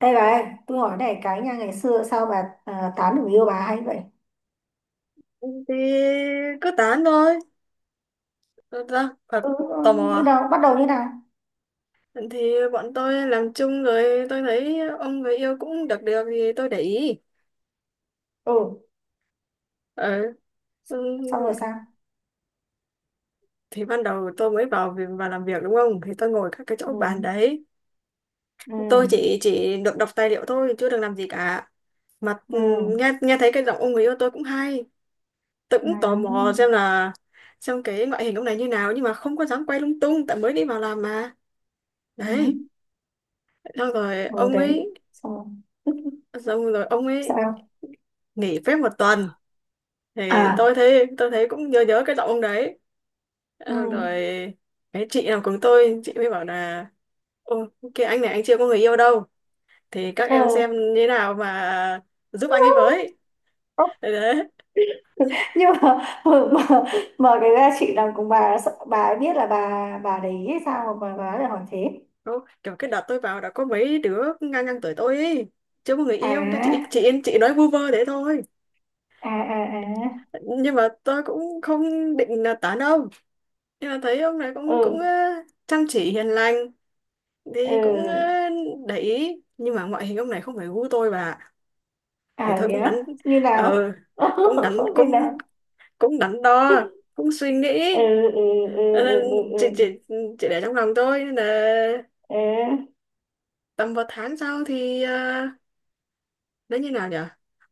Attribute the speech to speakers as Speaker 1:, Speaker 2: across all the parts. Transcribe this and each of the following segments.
Speaker 1: Đây bà ơi, tôi hỏi này cái nha, ngày xưa sao bà tán được người yêu bà hay vậy?
Speaker 2: Thì cứ tán thôi. Thật ra.
Speaker 1: Ừ, ừ,
Speaker 2: Tò mò
Speaker 1: như
Speaker 2: à?
Speaker 1: nào, bắt đầu như nào?
Speaker 2: Thì bọn tôi làm chung, rồi tôi thấy ông người yêu cũng được được, thì tôi để ý.
Speaker 1: Ừ,
Speaker 2: Ừ.
Speaker 1: s-
Speaker 2: Ừ.
Speaker 1: xong rồi sao?
Speaker 2: Thì ban đầu tôi mới vào làm việc, đúng không, thì tôi ngồi các cái chỗ
Speaker 1: Ừ,
Speaker 2: bàn đấy.
Speaker 1: ừ,
Speaker 2: Tôi chỉ được đọc tài liệu thôi, chưa được làm gì cả mà. Ừ.
Speaker 1: ừ,
Speaker 2: nghe nghe thấy cái giọng ông người yêu tôi cũng hay. Tôi cũng tò mò
Speaker 1: ừ,
Speaker 2: xem là xem cái ngoại hình ông này như nào, nhưng mà không có dám quay lung tung tại mới đi vào làm mà.
Speaker 1: ừ,
Speaker 2: Đấy. xong rồi
Speaker 1: ừ
Speaker 2: ông
Speaker 1: đấy,
Speaker 2: ấy
Speaker 1: xong rồi. Ừ.
Speaker 2: xong rồi ông ấy
Speaker 1: Sao?
Speaker 2: nghỉ phép một tuần. Thì
Speaker 1: À,
Speaker 2: tôi thấy cũng nhớ nhớ cái giọng ông đấy.
Speaker 1: ừ,
Speaker 2: Xong rồi cái chị nào cùng tôi, chị mới bảo là, ô, cái anh này anh chưa có người yêu đâu, thì các em xem
Speaker 1: ừ.
Speaker 2: như thế nào mà giúp anh ấy với. Đấy, đấy.
Speaker 1: Nhưng mà, mà mà cái ra chị làm cùng bà, sợ bà ấy biết là bà để ý hay sao mà bà lại hỏi thế?
Speaker 2: Ô, kiểu cái đợt tôi vào đã có mấy đứa ngang ngang tuổi tôi ấy chưa có người yêu, thì chị
Speaker 1: À,
Speaker 2: chị chị nói vu vơ thế thôi.
Speaker 1: à, à, à,
Speaker 2: Nhưng mà tôi cũng không định là tán ông, nhưng mà thấy ông này cũng cũng ờ,
Speaker 1: ừ,
Speaker 2: chăm chỉ hiền lành,
Speaker 1: ừ.
Speaker 2: thì cũng để ý. Nhưng mà ngoại hình ông này không phải gu tôi bà. thì
Speaker 1: À
Speaker 2: thôi
Speaker 1: thế
Speaker 2: cũng đánh
Speaker 1: á? Như
Speaker 2: ờ
Speaker 1: nào?
Speaker 2: cũng đánh
Speaker 1: Như
Speaker 2: cũng
Speaker 1: nào?
Speaker 2: cũng đánh đo, cũng suy nghĩ.
Speaker 1: Ừ, ừ, ừ,
Speaker 2: Ờ, nên
Speaker 1: ừ, ừ,
Speaker 2: chỉ
Speaker 1: ừ.
Speaker 2: chỉ chỉ để trong lòng tôi, nên là
Speaker 1: Ê,
Speaker 2: tầm một tháng sau thì nó như nào nhỉ,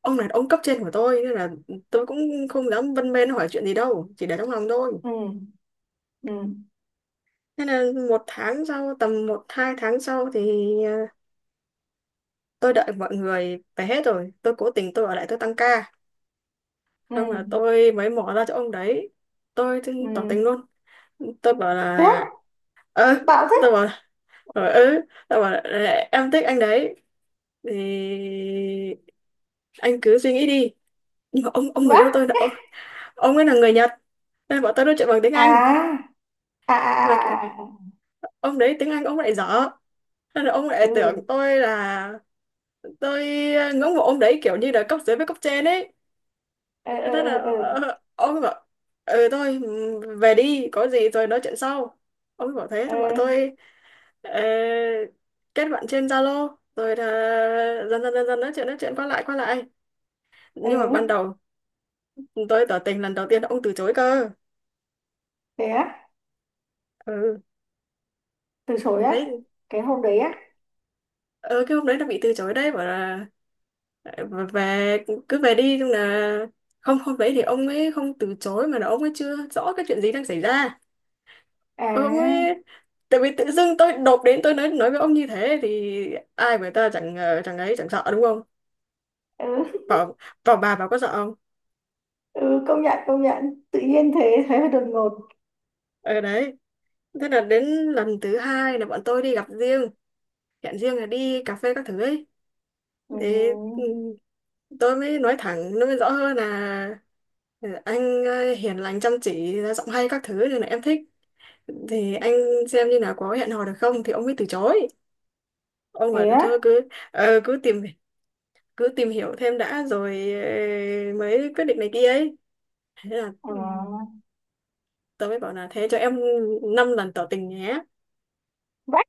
Speaker 2: ông này là ông cấp trên của tôi, nên là tôi cũng không dám vân mên hỏi chuyện gì đâu, chỉ để trong lòng thôi.
Speaker 1: ừ, ừ,
Speaker 2: Nên là một tháng sau tầm một hai tháng sau thì ờ, tôi đợi mọi người về hết rồi, tôi cố tình tôi ở lại, tôi tăng ca.
Speaker 1: ừ,
Speaker 2: Không là tôi mới mỏ ra cho ông đấy. Tôi thì tỏ
Speaker 1: ừ.
Speaker 2: tình luôn. Tôi bảo
Speaker 1: Thế
Speaker 2: là
Speaker 1: á?
Speaker 2: ơ,
Speaker 1: Bạo thế?
Speaker 2: tôi bảo rồi Tôi bảo là, em thích anh đấy. Thì anh cứ suy nghĩ đi. Nhưng mà ông người
Speaker 1: Vã?
Speaker 2: yêu tôi ông ấy là người Nhật. Nên bọn tôi nói chuyện bằng tiếng Anh.
Speaker 1: À, à,
Speaker 2: Nhưng là
Speaker 1: à, à, à, à.
Speaker 2: ông đấy tiếng Anh ông lại dở. Nên là ông lại
Speaker 1: Ừ.
Speaker 2: tưởng tôi là tôi ngưỡng mộ ông đấy kiểu như là cấp dưới với cấp trên ấy.
Speaker 1: Ừ, ừ,
Speaker 2: Thế là
Speaker 1: ừ, ừ.
Speaker 2: ông bảo ừ thôi về đi, có gì rồi nói chuyện sau. Ông bảo thế,
Speaker 1: Ừ,
Speaker 2: xong bọn tôi ờ, kết bạn trên Zalo, rồi là dần dần nói chuyện qua lại qua lại. Nhưng mà ban
Speaker 1: ừ.
Speaker 2: đầu tôi tỏ tình lần đầu tiên ông từ chối cơ.
Speaker 1: Thế á?
Speaker 2: Ừ.
Speaker 1: Từ chối á?
Speaker 2: Đấy.
Speaker 1: Cái hôm đấy á?
Speaker 2: Ờ, cái hôm đấy nó bị từ chối đấy, bảo là ờ, về cứ về đi. Nhưng là không, hôm đấy thì ông ấy không từ chối, mà là ông ấy chưa rõ cái chuyện gì đang xảy ra.
Speaker 1: À,
Speaker 2: Ôi, tại vì tự dưng tôi đột đến tôi nói với ông như thế, thì ai người ta chẳng ờ, chẳng ấy chẳng sợ, đúng không?
Speaker 1: ừ,
Speaker 2: Bảo bảo bà có sợ không?
Speaker 1: ừ, công nhận công nhận. Tự nhiên thế thế hơi đột ngột.
Speaker 2: Ở đấy. Thế là đến lần thứ hai là bọn tôi đi gặp riêng, hẹn riêng là đi cà phê các thứ ấy.
Speaker 1: Ừ.
Speaker 2: Thì ừ, tôi mới nói thẳng, nó mới rõ hơn là, ừ, anh hiền lành chăm chỉ ra giọng hay các thứ nên là em thích, thì anh xem như là có hẹn hò được không. Thì ông ấy từ chối, ông
Speaker 1: Thế
Speaker 2: bảo thôi
Speaker 1: á?
Speaker 2: cứ cứ tìm hiểu thêm đã, rồi mới quyết định này kia ấy. Thế là
Speaker 1: À.
Speaker 2: tớ mới bảo là thế cho em 5 lần tỏ tình nhé.
Speaker 1: Vãi,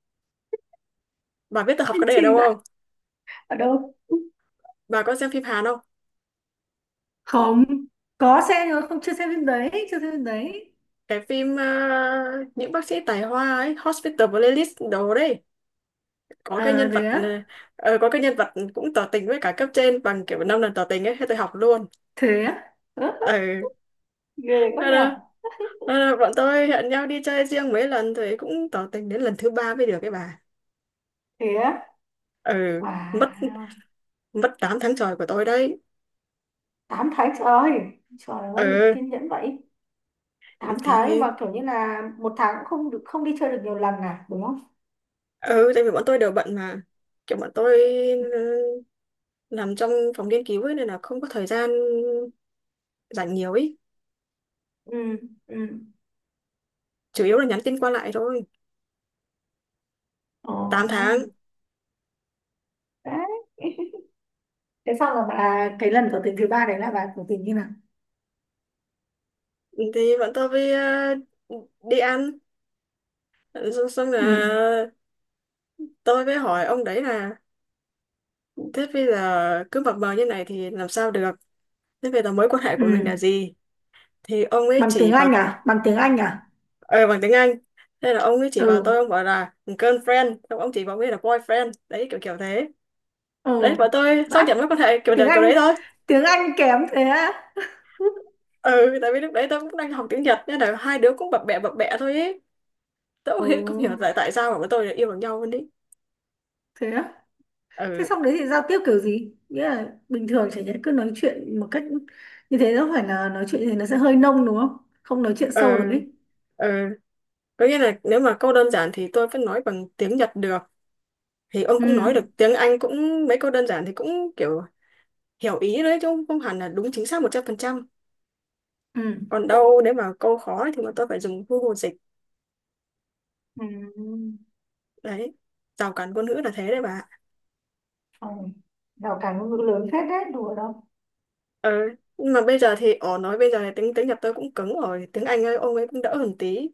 Speaker 2: Bà biết tớ học
Speaker 1: kiên
Speaker 2: cái đây ở
Speaker 1: trì
Speaker 2: đâu
Speaker 1: vãi.
Speaker 2: không?
Speaker 1: Ở đâu?
Speaker 2: Bà có xem phim Hàn không?
Speaker 1: Không có xem, nhưng mà không, chưa xem phim đấy, chưa xem phim đấy.
Speaker 2: Cái phim những bác sĩ tài hoa ấy, Hospital Playlist đồ đấy, có cái
Speaker 1: Ờ
Speaker 2: nhân
Speaker 1: thế
Speaker 2: vật ờ,
Speaker 1: á?
Speaker 2: có cái nhân vật cũng tỏ tình với cả cấp trên bằng kiểu 5 lần tỏ tình ấy, thế tôi học luôn.
Speaker 1: Thế á? Ớ,
Speaker 2: Ừ.
Speaker 1: ghê quá
Speaker 2: Thế
Speaker 1: nhở.
Speaker 2: là- Thế là bọn tôi hẹn nhau đi chơi riêng mấy lần, thì cũng tỏ tình đến lần thứ ba mới được cái bà.
Speaker 1: Thế á?
Speaker 2: Ừ. mất
Speaker 1: Wow.
Speaker 2: mất 8 tháng trời của tôi đấy.
Speaker 1: 8 tháng trời. Trời ơi,
Speaker 2: Ừ.
Speaker 1: kiên nhẫn vậy. 8 tháng
Speaker 2: Thì
Speaker 1: mà kiểu như là một tháng cũng không được, không đi chơi được nhiều lần à, đúng không?
Speaker 2: ừ, tại vì bọn tôi đều bận mà, kiểu bọn tôi ừ, làm trong phòng nghiên cứu ấy nên là không có thời gian rảnh nhiều ý.
Speaker 1: Ừ, ừ.
Speaker 2: Chủ yếu là nhắn tin qua lại thôi.
Speaker 1: Ồ.
Speaker 2: 8 tháng.
Speaker 1: Đấy. Thế xong là bà, cái lần tỏ tình thứ ba đấy là bà tỏ tình như nào?
Speaker 2: Thì bọn tôi với đi ăn, xong là
Speaker 1: Ừ,
Speaker 2: tôi mới hỏi ông đấy là, thế bây giờ cứ mập mờ như này thì làm sao được, thế bây giờ mối quan hệ
Speaker 1: ừ.
Speaker 2: của mình là gì. Thì ông ấy
Speaker 1: Bằng tiếng
Speaker 2: chỉ vào.
Speaker 1: Anh à? Bằng tiếng Anh à?
Speaker 2: Ờ, bằng tiếng Anh. Thế là ông ấy chỉ vào tôi,
Speaker 1: Ừ,
Speaker 2: ông bảo là girlfriend, xong ông chỉ vào ông ấy là boyfriend, đấy kiểu kiểu thế. Đấy,
Speaker 1: ừ.
Speaker 2: bọn tôi
Speaker 1: Vãi.
Speaker 2: xác nhận với con hệ kiểu
Speaker 1: Tiếng
Speaker 2: đề kiểu
Speaker 1: Anh.
Speaker 2: đấy thôi.
Speaker 1: Tiếng Anh kém thế á?
Speaker 2: Ừ, tại vì lúc đấy tôi cũng đang học tiếng Nhật, nên là hai đứa cũng bập bẹ thôi ấy. Tôi cũng
Speaker 1: Ồ,
Speaker 2: hiểu, không hiểu tại tại sao mà bọn tôi lại yêu bằng nhau luôn đấy.
Speaker 1: thế á? Thế
Speaker 2: Ừ.
Speaker 1: xong đấy thì giao tiếp kiểu gì? Nghĩa là bình thường chả nhẽ cứ nói chuyện một cách như thế, nó phải là nói chuyện như thế nó sẽ hơi nông đúng không? Không nói chuyện
Speaker 2: Ừ.
Speaker 1: sâu được ấy.
Speaker 2: Ừ. Có nghĩa là nếu mà câu đơn giản thì tôi vẫn nói bằng tiếng Nhật được, thì ông
Speaker 1: Ừ,
Speaker 2: cũng nói được tiếng Anh cũng mấy câu đơn giản, thì cũng kiểu hiểu ý đấy, chứ không không hẳn là đúng chính xác 100%.
Speaker 1: ừ.
Speaker 2: Còn đâu nếu mà câu khó thì mà tôi phải dùng Google dịch.
Speaker 1: Ừ.
Speaker 2: Đấy. Rào cản ngôn ngữ là thế đấy bà.
Speaker 1: Ừ. Rào cản ngôn ngữ lớn phết đấy, đùa đâu.
Speaker 2: Ờ, nhưng mà bây giờ thì ỏ nói bây giờ thì tiếng tiếng Nhật tôi cũng cứng rồi, tiếng Anh ấy, ông ấy cũng đỡ hơn tí.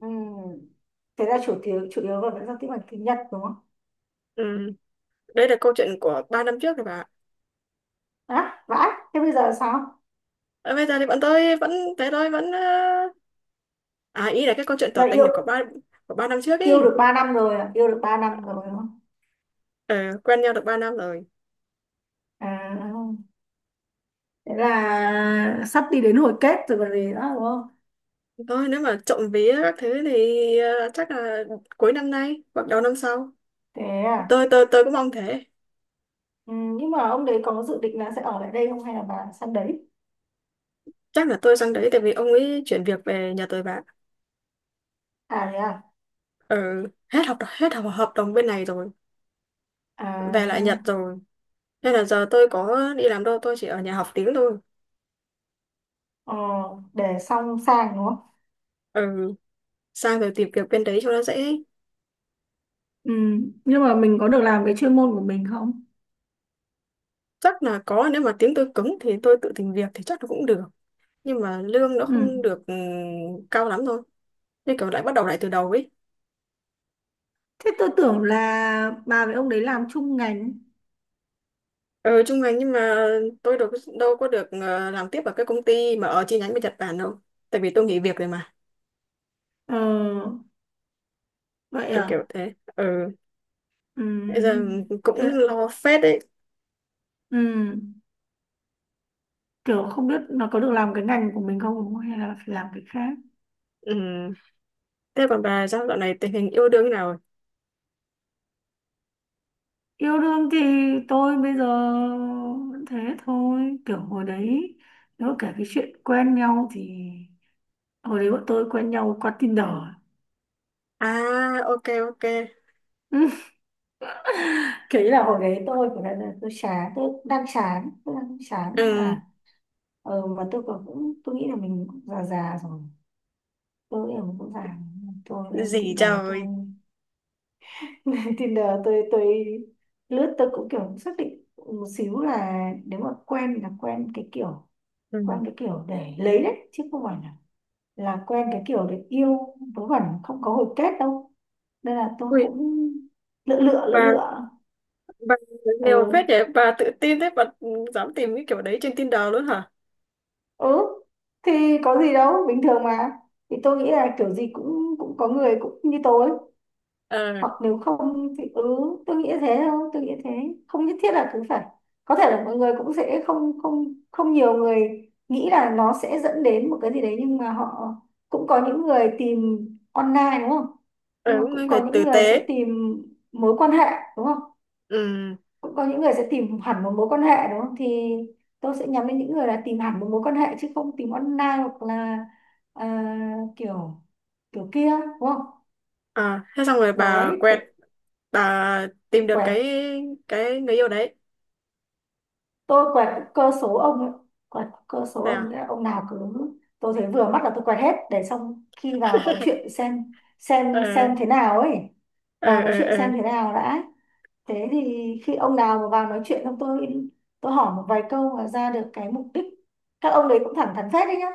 Speaker 1: Ừ. Thế là chủ yếu, là vẫn giao tiếp bằng tiếng Nhật đúng không?
Speaker 2: Ừ, đây là câu chuyện của 3 năm trước rồi bà.
Speaker 1: À vãi, thế bây giờ sao?
Speaker 2: Ờ, bây giờ thì bọn tôi vẫn thế thôi, vẫn ý là cái câu chuyện tỏ
Speaker 1: Là
Speaker 2: tình
Speaker 1: yêu
Speaker 2: là của 3 năm trước
Speaker 1: yêu
Speaker 2: ý.
Speaker 1: được 3 năm rồi à? Yêu được 3 năm rồi đúng không?
Speaker 2: Ờ, quen nhau được 3 năm rồi.
Speaker 1: À. Thế là sắp đi đến hồi kết rồi còn gì nữa đúng không?
Speaker 2: Thôi nếu mà trộm vía các thứ thì chắc là cuối năm nay hoặc đầu năm sau.
Speaker 1: Thế à?
Speaker 2: Tôi cũng mong thế.
Speaker 1: Ừ, nhưng mà ông đấy có dự định là sẽ ở lại đây không hay là bà sang đấy?
Speaker 2: Chắc là tôi sang đấy, tại vì ông ấy chuyển việc về Nhật rồi bạn.
Speaker 1: À thế à?
Speaker 2: Ừ, hết hợp hợp đồng bên này rồi,
Speaker 1: À,
Speaker 2: về lại Nhật rồi. Nên là giờ tôi có đi làm đâu, tôi chỉ ở nhà học tiếng thôi.
Speaker 1: ờ, để xong sang đúng không?
Speaker 2: Ừ, sang rồi tìm việc bên đấy cho nó dễ.
Speaker 1: Ừ, nhưng mà mình có được làm cái chuyên môn của mình không?
Speaker 2: Chắc là có, nếu mà tiếng tôi cứng thì tôi tự tìm việc thì chắc là cũng được. Nhưng mà lương nó
Speaker 1: Ừ.
Speaker 2: không được cao lắm thôi. Nên kiểu lại bắt đầu lại từ đầu ấy.
Speaker 1: Thế tôi tưởng là bà với ông đấy làm chung ngành.
Speaker 2: Ừ, trung ngành, nhưng mà tôi đâu có được làm tiếp ở cái công ty mà ở chi nhánh bên Nhật Bản đâu. Tại vì tôi nghỉ việc rồi mà,
Speaker 1: Ờ, vậy
Speaker 2: kiểu kiểu
Speaker 1: à?
Speaker 2: thế. Ừ, bây giờ
Speaker 1: Ừ.
Speaker 2: cũng
Speaker 1: Thế,
Speaker 2: lo phết đấy.
Speaker 1: ừ. Kiểu không biết nó có được làm cái ngành của mình không đúng không, hay là phải làm cái khác?
Speaker 2: Ừ. Thế còn bà sao dạo này tình hình yêu đương thế nào rồi?
Speaker 1: Yêu đương thì tôi bây giờ vẫn thế thôi. Kiểu hồi đấy, nếu kể cái chuyện quen nhau thì hồi đấy bọn tôi quen nhau qua Tinder.
Speaker 2: À, ok, ok.
Speaker 1: Kỹ là hồi đấy tôi của là tôi chán, tôi đang chán, tôi đang chán
Speaker 2: Ừ.
Speaker 1: à, mà tôi nghĩ là mình cũng già già rồi, tôi nghĩ là mình cũng già. Tôi lên
Speaker 2: Gì
Speaker 1: Tinder, tôi
Speaker 2: trời.
Speaker 1: lên Tinder, tôi lướt. Tôi cũng kiểu xác định một xíu là nếu mà quen là quen cái kiểu,
Speaker 2: Ừ.
Speaker 1: quen cái kiểu để lấy đấy, chứ không phải là quen cái kiểu để yêu vớ vẩn không có hồi kết đâu, nên là tôi
Speaker 2: Ui,
Speaker 1: cũng lựa lựa lựa
Speaker 2: bà,
Speaker 1: lựa.
Speaker 2: bà nèo phết
Speaker 1: Ừ,
Speaker 2: vậy, bà tự tin thế, bà dám tìm cái kiểu đấy trên Tinder luôn hả?
Speaker 1: ừ. Thì có gì đâu, bình thường mà. Thì tôi nghĩ là kiểu gì cũng cũng có người cũng như tôi,
Speaker 2: Ờ,
Speaker 1: hoặc nếu không thì ừ, tôi nghĩ thế thôi, tôi nghĩ thế. Không nhất thiết là cứ phải, có thể là mọi người cũng sẽ không không không nhiều người nghĩ là nó sẽ dẫn đến một cái gì đấy, nhưng mà họ, cũng có những người tìm online đúng không,
Speaker 2: ờ,
Speaker 1: nhưng mà
Speaker 2: cũng là
Speaker 1: cũng có
Speaker 2: người
Speaker 1: những
Speaker 2: tử
Speaker 1: người sẽ
Speaker 2: tế.
Speaker 1: tìm mối quan hệ đúng không,
Speaker 2: Ừ,
Speaker 1: cũng có những người sẽ tìm hẳn một mối quan hệ đúng không. Thì tôi sẽ nhắm đến những người là tìm hẳn một mối quan hệ chứ không tìm online hoặc là à, kiểu kiểu kia đúng không.
Speaker 2: à, thế xong rồi bà
Speaker 1: Đấy
Speaker 2: quẹt,
Speaker 1: thế,
Speaker 2: bà tìm được
Speaker 1: quẹt.
Speaker 2: cái người yêu đấy.
Speaker 1: Tôi quẹt cơ số ông ấy. Quẹt cơ số
Speaker 2: Thế
Speaker 1: ông
Speaker 2: à?
Speaker 1: ấy, ông nào cứ tôi thấy vừa mắt là tôi quẹt hết, để xong khi vào nói chuyện
Speaker 2: Ờ,
Speaker 1: xem thế nào ấy, vào
Speaker 2: ờ,
Speaker 1: nói chuyện
Speaker 2: ờ,
Speaker 1: xem thế nào đã. Thế thì khi ông nào mà vào nói chuyện xong, tôi hỏi một vài câu mà ra được cái mục đích. Các ông đấy cũng thẳng thắn phết đấy nhá,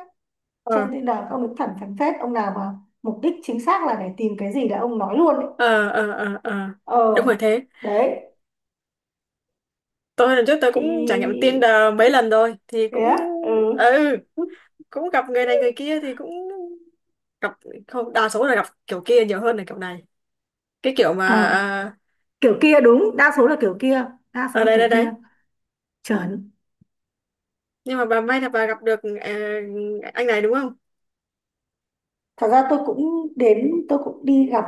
Speaker 2: ờ,
Speaker 1: trên Tinder các ông được thẳng thắn phết. Ông nào mà mục đích chính xác là để tìm cái gì là ông nói luôn ấy.
Speaker 2: ờ, ờ, ờ, ờ, ờ. Đúng
Speaker 1: Ờ
Speaker 2: rồi thế.
Speaker 1: đấy.
Speaker 2: Tôi lần trước tôi cũng trải nghiệm
Speaker 1: Thì
Speaker 2: Tinder mấy lần rồi, thì
Speaker 1: thế á, ừ.
Speaker 2: ừ, cũng gặp người này người kia, thì cũng gặp không, đa số là gặp kiểu kia nhiều hơn là kiểu này, cái kiểu mà
Speaker 1: Ờ,
Speaker 2: à,
Speaker 1: kiểu kia đúng, đa số là kiểu kia, đa số
Speaker 2: ở
Speaker 1: là
Speaker 2: đây
Speaker 1: kiểu
Speaker 2: đây đấy.
Speaker 1: kia. Chuẩn.
Speaker 2: Nhưng mà bà may là bà gặp được anh này, đúng không?
Speaker 1: Thật ra tôi cũng đến, tôi cũng đi gặp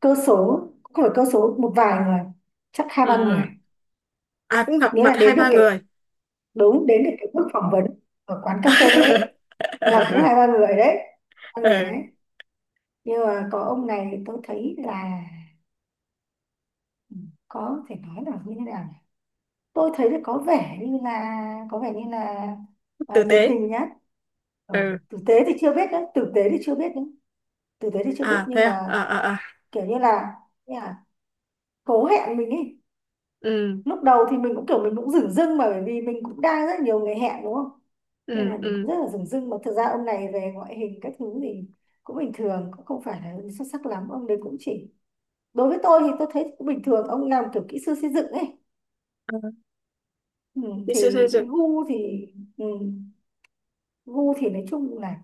Speaker 1: cơ số, cũng phải cơ số một vài người, chắc hai ba người.
Speaker 2: Ờ, à cũng gặp
Speaker 1: Nghĩa
Speaker 2: mặt
Speaker 1: là đến
Speaker 2: hai
Speaker 1: được
Speaker 2: ba người.
Speaker 1: cái, đúng, đến được cái bước phỏng vấn ở quán cà phê ấy, là cũng hai ba người đấy, ba người
Speaker 2: Ừ,
Speaker 1: đấy. Nhưng mà có ông này thì tôi thấy là ừ, có thể nói là như thế nào nhỉ? Tôi thấy là có vẻ như là, có vẻ như là à,
Speaker 2: tử
Speaker 1: nhiệt
Speaker 2: tế.
Speaker 1: tình nhất. Ừ.
Speaker 2: Ừ.
Speaker 1: Tử tế thì chưa biết đấy, tử tế thì chưa biết đấy, tử tế thì chưa biết
Speaker 2: À,
Speaker 1: nhưng
Speaker 2: thế à.
Speaker 1: mà
Speaker 2: À, à, à.
Speaker 1: kiểu như là cố hẹn mình ấy.
Speaker 2: Ừ,
Speaker 1: Lúc đầu thì mình cũng kiểu mình cũng dửng dưng, mà bởi vì mình cũng đang rất nhiều người hẹn đúng không, nên
Speaker 2: ừ,
Speaker 1: là mình cũng
Speaker 2: ừ.
Speaker 1: rất là dửng dưng. Mà thực ra ông này về ngoại hình các thứ thì cũng bình thường, cũng không phải là xuất sắc lắm. Ông đấy cũng chỉ, đối với tôi thì tôi thấy cũng bình thường. Ông làm kiểu kỹ sư xây dựng ấy.
Speaker 2: Ờ,
Speaker 1: Ừ,
Speaker 2: đi
Speaker 1: thì
Speaker 2: siêu xây dựng.
Speaker 1: gu thì ừ, gu thì nói chung là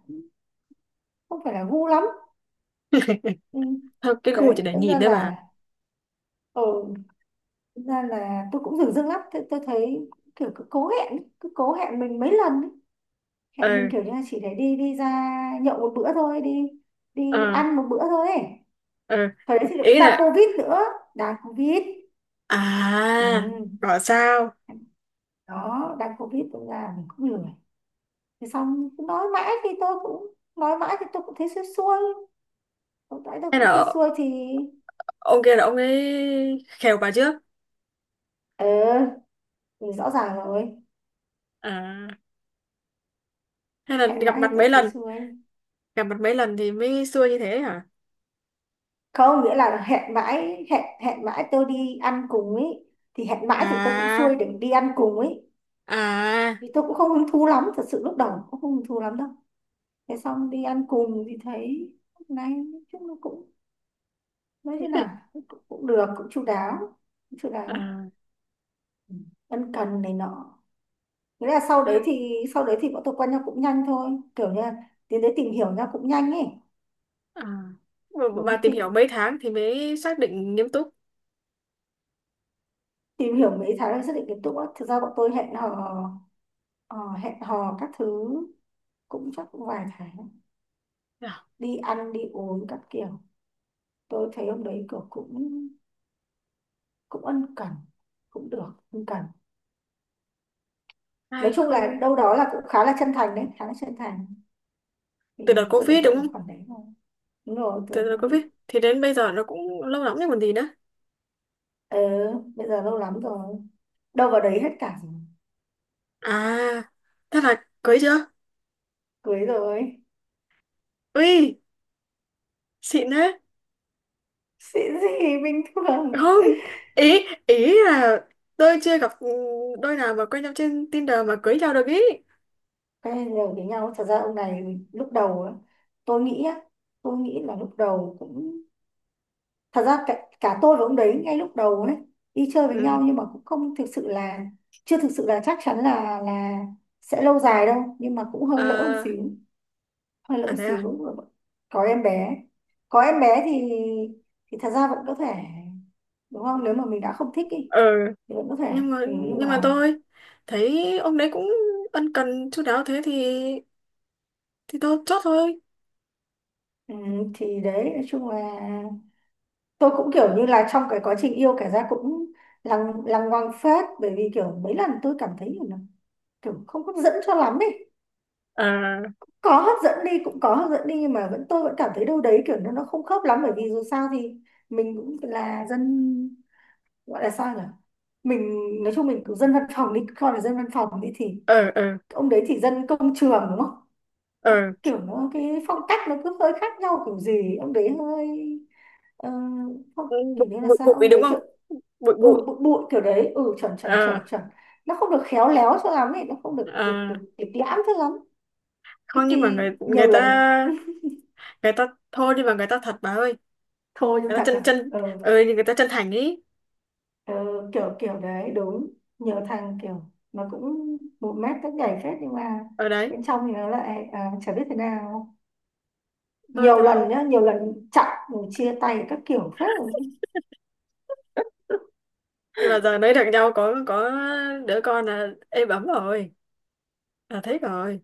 Speaker 1: không phải là gu lắm. Ừ,
Speaker 2: Thôi, cái khu chỉ
Speaker 1: đấy,
Speaker 2: để
Speaker 1: thực
Speaker 2: nhìn
Speaker 1: ra
Speaker 2: thôi bà.
Speaker 1: là ừ, thực ra là tôi cũng dửng dưng lắm, tôi thấy kiểu cứ cố hẹn ấy, cứ cố hẹn mình mấy lần ấy. Hẹn mình
Speaker 2: Ừ.
Speaker 1: kiểu như là chỉ để đi đi ra nhậu một bữa thôi đi,
Speaker 2: Ờ,
Speaker 1: đi ăn một bữa thôi ấy.
Speaker 2: ờ.
Speaker 1: Thời đấy thì cũng
Speaker 2: Ý
Speaker 1: đang
Speaker 2: là
Speaker 1: covid nữa, đang covid. Ừ.
Speaker 2: à, gọi sao.
Speaker 1: Đó đang covid cũng là mình cũng lười. Thế xong cứ nói mãi thì tôi cũng, nói mãi thì tôi cũng thấy xuôi xuôi, lúc nãy tao
Speaker 2: Hay
Speaker 1: cũng xuôi
Speaker 2: là
Speaker 1: xuôi thì
Speaker 2: ông kia là ông ấy khều bà trước.
Speaker 1: ờ, ừ, rõ ràng rồi,
Speaker 2: À, hay là
Speaker 1: hẹn
Speaker 2: gặp
Speaker 1: mãi hay
Speaker 2: mặt
Speaker 1: tao
Speaker 2: mấy
Speaker 1: thấy
Speaker 2: lần
Speaker 1: xuôi.
Speaker 2: gặp mặt mấy lần thì mới xưa như thế hả.
Speaker 1: Không, nghĩa là hẹn mãi, hẹn hẹn mãi tôi đi ăn cùng ấy, thì hẹn mãi thì tôi cũng xuôi
Speaker 2: À.
Speaker 1: để đi ăn cùng ấy.
Speaker 2: À.
Speaker 1: Vì tôi cũng không hứng thú lắm, thật sự lúc đầu cũng không hứng thú lắm đâu. Thế xong đi ăn cùng thì thấy, lúc này nói chung nó cũng, nói thế nào, cũng, cũng được, cũng chu đáo, cũng chu đáo.
Speaker 2: À,
Speaker 1: Ừ, ân cần này nọ, nghĩa là
Speaker 2: thế-
Speaker 1: sau đấy thì bọn tôi quen nhau cũng nhanh thôi, kiểu như là tiến tới tìm hiểu nhau cũng nhanh ấy.
Speaker 2: à. Bà
Speaker 1: Ừ,
Speaker 2: tìm
Speaker 1: thì
Speaker 2: hiểu mấy tháng thì mới xác định nghiêm túc.
Speaker 1: tìm hiểu mấy tháng để xác định tiến độ á. Thực ra bọn tôi hẹn hò ờ, hẹn hò các thứ cũng chắc cũng vài tháng,
Speaker 2: À,
Speaker 1: đi ăn đi uống các kiểu. Tôi thấy hôm đấy kiểu cũng, cũng ân cần, cũng được ân cần. Nói
Speaker 2: hay
Speaker 1: chung
Speaker 2: không.
Speaker 1: là đâu đó là cũng khá là chân thành đấy, khá là chân thành, thì
Speaker 2: Từ đợt
Speaker 1: tôi ấn
Speaker 2: covid
Speaker 1: tượng
Speaker 2: đúng
Speaker 1: ở
Speaker 2: không?
Speaker 1: khoản đấy thôi. Đúng rồi, tôi
Speaker 2: Từ đợt
Speaker 1: không
Speaker 2: covid
Speaker 1: biết.
Speaker 2: thì đến bây giờ nó cũng lâu lắm rồi còn gì nữa.
Speaker 1: Ờ bây giờ lâu lắm rồi, đâu vào đấy hết cả rồi.
Speaker 2: À, thế là cưới chưa?
Speaker 1: Cưới rồi.
Speaker 2: Ui, xịn đấy.
Speaker 1: Xịn gì, bình thường.
Speaker 2: Không, ý ý là tôi chưa gặp đôi nào mà quen nhau trên Tinder mà cưới nhau được ý.
Speaker 1: Cái đều với nhau. Thật ra ông này lúc đầu á, tôi nghĩ á, tôi nghĩ là lúc đầu cũng, thật ra cả, cả tôi và ông đấy ngay lúc đầu đấy đi chơi với nhau
Speaker 2: Ừ.
Speaker 1: nhưng mà cũng không thực sự là, chưa thực sự là chắc chắn là sẽ lâu dài đâu, nhưng mà cũng hơi lỡ một
Speaker 2: À,
Speaker 1: xíu, hơi lỡ
Speaker 2: à thế à.
Speaker 1: xíu. Có em bé, có em bé thì thật ra vẫn có thể, đúng không, nếu mà mình đã không thích ý,
Speaker 2: Ừ.
Speaker 1: thì vẫn có thể.
Speaker 2: nhưng mà
Speaker 1: Ừ, nhưng
Speaker 2: nhưng mà
Speaker 1: mà
Speaker 2: tôi thấy ông đấy cũng ân cần chu đáo thế thì tôi chốt thôi.
Speaker 1: ừ, thì đấy nói chung là tôi cũng kiểu như là trong cái quá trình yêu kể ra cũng lằng lằng ngoằng phết, bởi vì kiểu mấy lần tôi cảm thấy là kiểu không hấp dẫn cho lắm ấy.
Speaker 2: Ờ,
Speaker 1: Có hấp dẫn đi, cũng có hấp dẫn đi nhưng mà vẫn, tôi vẫn cảm thấy đâu đấy kiểu nó không khớp lắm, bởi vì dù sao thì mình cũng là dân, gọi là sao nhỉ, mình nói chung mình cứ dân văn phòng đi, coi là dân văn phòng đi, thì
Speaker 2: ờ, ờ,
Speaker 1: ông đấy thì dân công trường đúng không.
Speaker 2: ờ.
Speaker 1: Nó, kiểu nó cái phong cách nó cứ hơi khác nhau kiểu gì. Ông đấy hơi ờ, không,
Speaker 2: Ừ, bụi
Speaker 1: kiểu như là
Speaker 2: bụi
Speaker 1: sao
Speaker 2: bụi
Speaker 1: ông
Speaker 2: đúng
Speaker 1: đấy
Speaker 2: không.
Speaker 1: kiểu,
Speaker 2: Bụi bụi.
Speaker 1: ừ bụi bụi kiểu đấy, ừ chuẩn chuẩn
Speaker 2: Ờ,
Speaker 1: chuẩn chuẩn. Nó không được khéo léo cho lắm ấy, nó không được
Speaker 2: ờ.
Speaker 1: được được lịch lãm cho lắm. Thế
Speaker 2: Không, nhưng mà
Speaker 1: thì
Speaker 2: người người
Speaker 1: nhiều
Speaker 2: ta
Speaker 1: lần
Speaker 2: người ta. Thôi nhưng mà người ta thật bà ơi.
Speaker 1: thôi nhưng
Speaker 2: Người ta
Speaker 1: thật
Speaker 2: chân
Speaker 1: là
Speaker 2: chân
Speaker 1: ừ,
Speaker 2: Ờ, nhưng người ta chân thành ý.
Speaker 1: ừ, kiểu kiểu đấy đúng. Nhiều thằng kiểu nó cũng một mét các nhảy phết, nhưng mà
Speaker 2: Ở đấy.
Speaker 1: bên trong thì nó lại à, chả biết thế nào.
Speaker 2: Thôi,
Speaker 1: Nhiều
Speaker 2: thà.
Speaker 1: lần nhá, nhiều lần chặn rồi chia tay các kiểu phết rồi.
Speaker 2: Nhưng mà giờ nói được nhau có đứa con là êm ấm rồi, là thích rồi.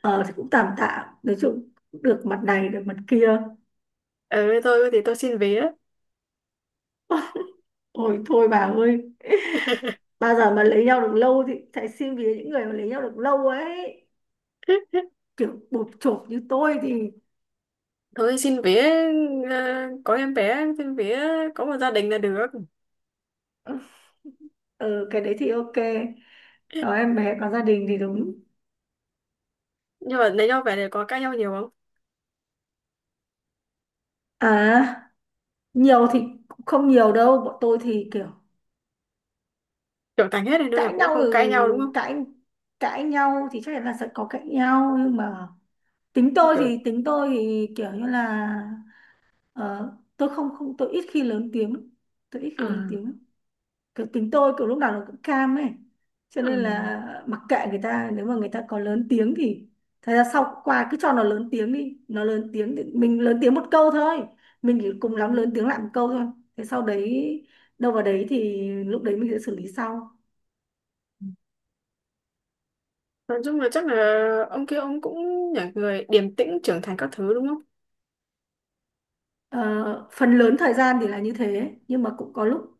Speaker 1: Ờ thì cũng tạm tạm, nói chung cũng được mặt này được mặt kia.
Speaker 2: Ừ, tôi thì tôi xin vía.
Speaker 1: Ôi thôi bà ơi, bao giờ mà lấy nhau được lâu thì sẽ xin vì những người mà lấy nhau được lâu ấy, kiểu bụp chộp như tôi thì.
Speaker 2: Thôi xin vía. Ờ, có em bé xin vía, có một gia đình là được.
Speaker 1: Ừ cái đấy thì ok, có em bé có gia đình thì đúng.
Speaker 2: Nhưng mà lấy nhau về này có cãi nhau nhiều không?
Speaker 1: À, nhiều thì cũng không nhiều đâu, bọn tôi thì kiểu.
Speaker 2: Trưởng thành hết rồi nên là
Speaker 1: Cãi
Speaker 2: cũng
Speaker 1: nhau
Speaker 2: không cãi
Speaker 1: ừ,
Speaker 2: nhau đúng không?
Speaker 1: cãi, cãi nhau thì chắc chắn là sẽ có cãi nhau nhưng mà tính tôi
Speaker 2: Kiểu
Speaker 1: thì, tính tôi thì kiểu như là ờ, tôi không không tôi ít khi lớn tiếng, tôi ít khi lớn
Speaker 2: à,
Speaker 1: tiếng. Kiểu tính tôi kiểu lúc nào nó cũng cam ấy, cho
Speaker 2: à,
Speaker 1: nên là mặc kệ người ta, nếu mà người ta có lớn tiếng thì, thật ra sau qua cứ cho nó lớn tiếng đi, nó lớn tiếng thì mình lớn tiếng một câu thôi, mình chỉ cùng lắm
Speaker 2: ừ.
Speaker 1: lớn tiếng lại một câu thôi. Thế sau đấy đâu vào đấy thì lúc đấy mình sẽ xử lý sau.
Speaker 2: Nói chung là chắc là ông kia ông cũng là người điềm tĩnh trưởng thành các thứ đúng không?
Speaker 1: Ờ, phần lớn thời gian thì là như thế, nhưng mà cũng có lúc,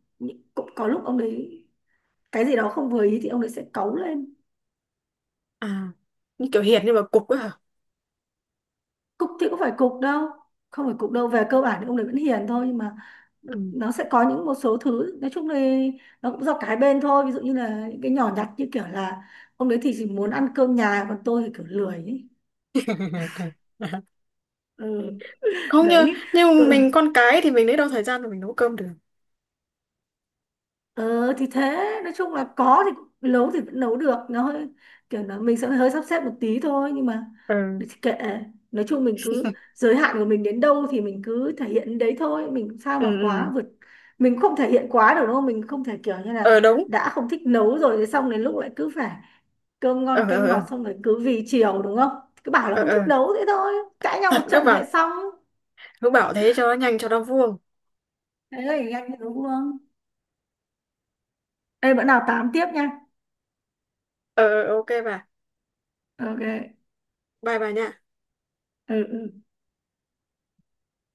Speaker 1: cũng có lúc ông đấy cái gì đó không vừa ý thì ông đấy sẽ cáu lên.
Speaker 2: À, như kiểu hiền nhưng mà cục ấy hả.
Speaker 1: Cục thì cũng phải cục đâu, không phải cục đâu, về cơ bản thì ông đấy vẫn hiền thôi, nhưng mà
Speaker 2: Ừ.
Speaker 1: nó sẽ có những một số thứ nói chung là nó cũng do cái bên thôi. Ví dụ như là những cái nhỏ nhặt như kiểu là ông đấy thì chỉ muốn ăn cơm nhà còn tôi thì kiểu lười ấy. Ừ,
Speaker 2: Không như.
Speaker 1: đấy
Speaker 2: Nhưng
Speaker 1: tự
Speaker 2: mình con cái thì mình lấy đâu thời gian mà mình nấu cơm được.
Speaker 1: ờ, thì thế nói chung là có thì cũng- nấu thì vẫn nấu được, nó hơi kiểu là mình sẽ hơi sắp xếp một tí thôi, nhưng mà
Speaker 2: Ừ.
Speaker 1: thì kệ. Nói chung mình cứ giới hạn của mình đến đâu thì mình cứ thể hiện đến đấy thôi, mình sao
Speaker 2: Ừ.
Speaker 1: mà quá
Speaker 2: Ừ.
Speaker 1: vượt, mình không thể hiện quá được đúng không. Mình không thể kiểu như là,
Speaker 2: Ờ, đúng.
Speaker 1: đã không thích nấu rồi thì xong đến lúc lại cứ phải cơm
Speaker 2: Ờ,
Speaker 1: ngon
Speaker 2: ờ,
Speaker 1: canh
Speaker 2: ờ,
Speaker 1: ngọt, xong rồi cứ vì chiều đúng không. Cứ bảo là
Speaker 2: ờ,
Speaker 1: không
Speaker 2: ờ.
Speaker 1: thích đấu thế thôi, cãi nhau
Speaker 2: Thật,
Speaker 1: một
Speaker 2: cứ
Speaker 1: trận
Speaker 2: bảo
Speaker 1: lại xong.
Speaker 2: cứ bảo thế cho nó nhanh cho nó vuông.
Speaker 1: Thế thì anh đúng không? Ê, bữa nào tám tiếp nha.
Speaker 2: Ờ, ờ, ok bà.
Speaker 1: Ok.
Speaker 2: Bye bà nha.
Speaker 1: Ừ, ừ.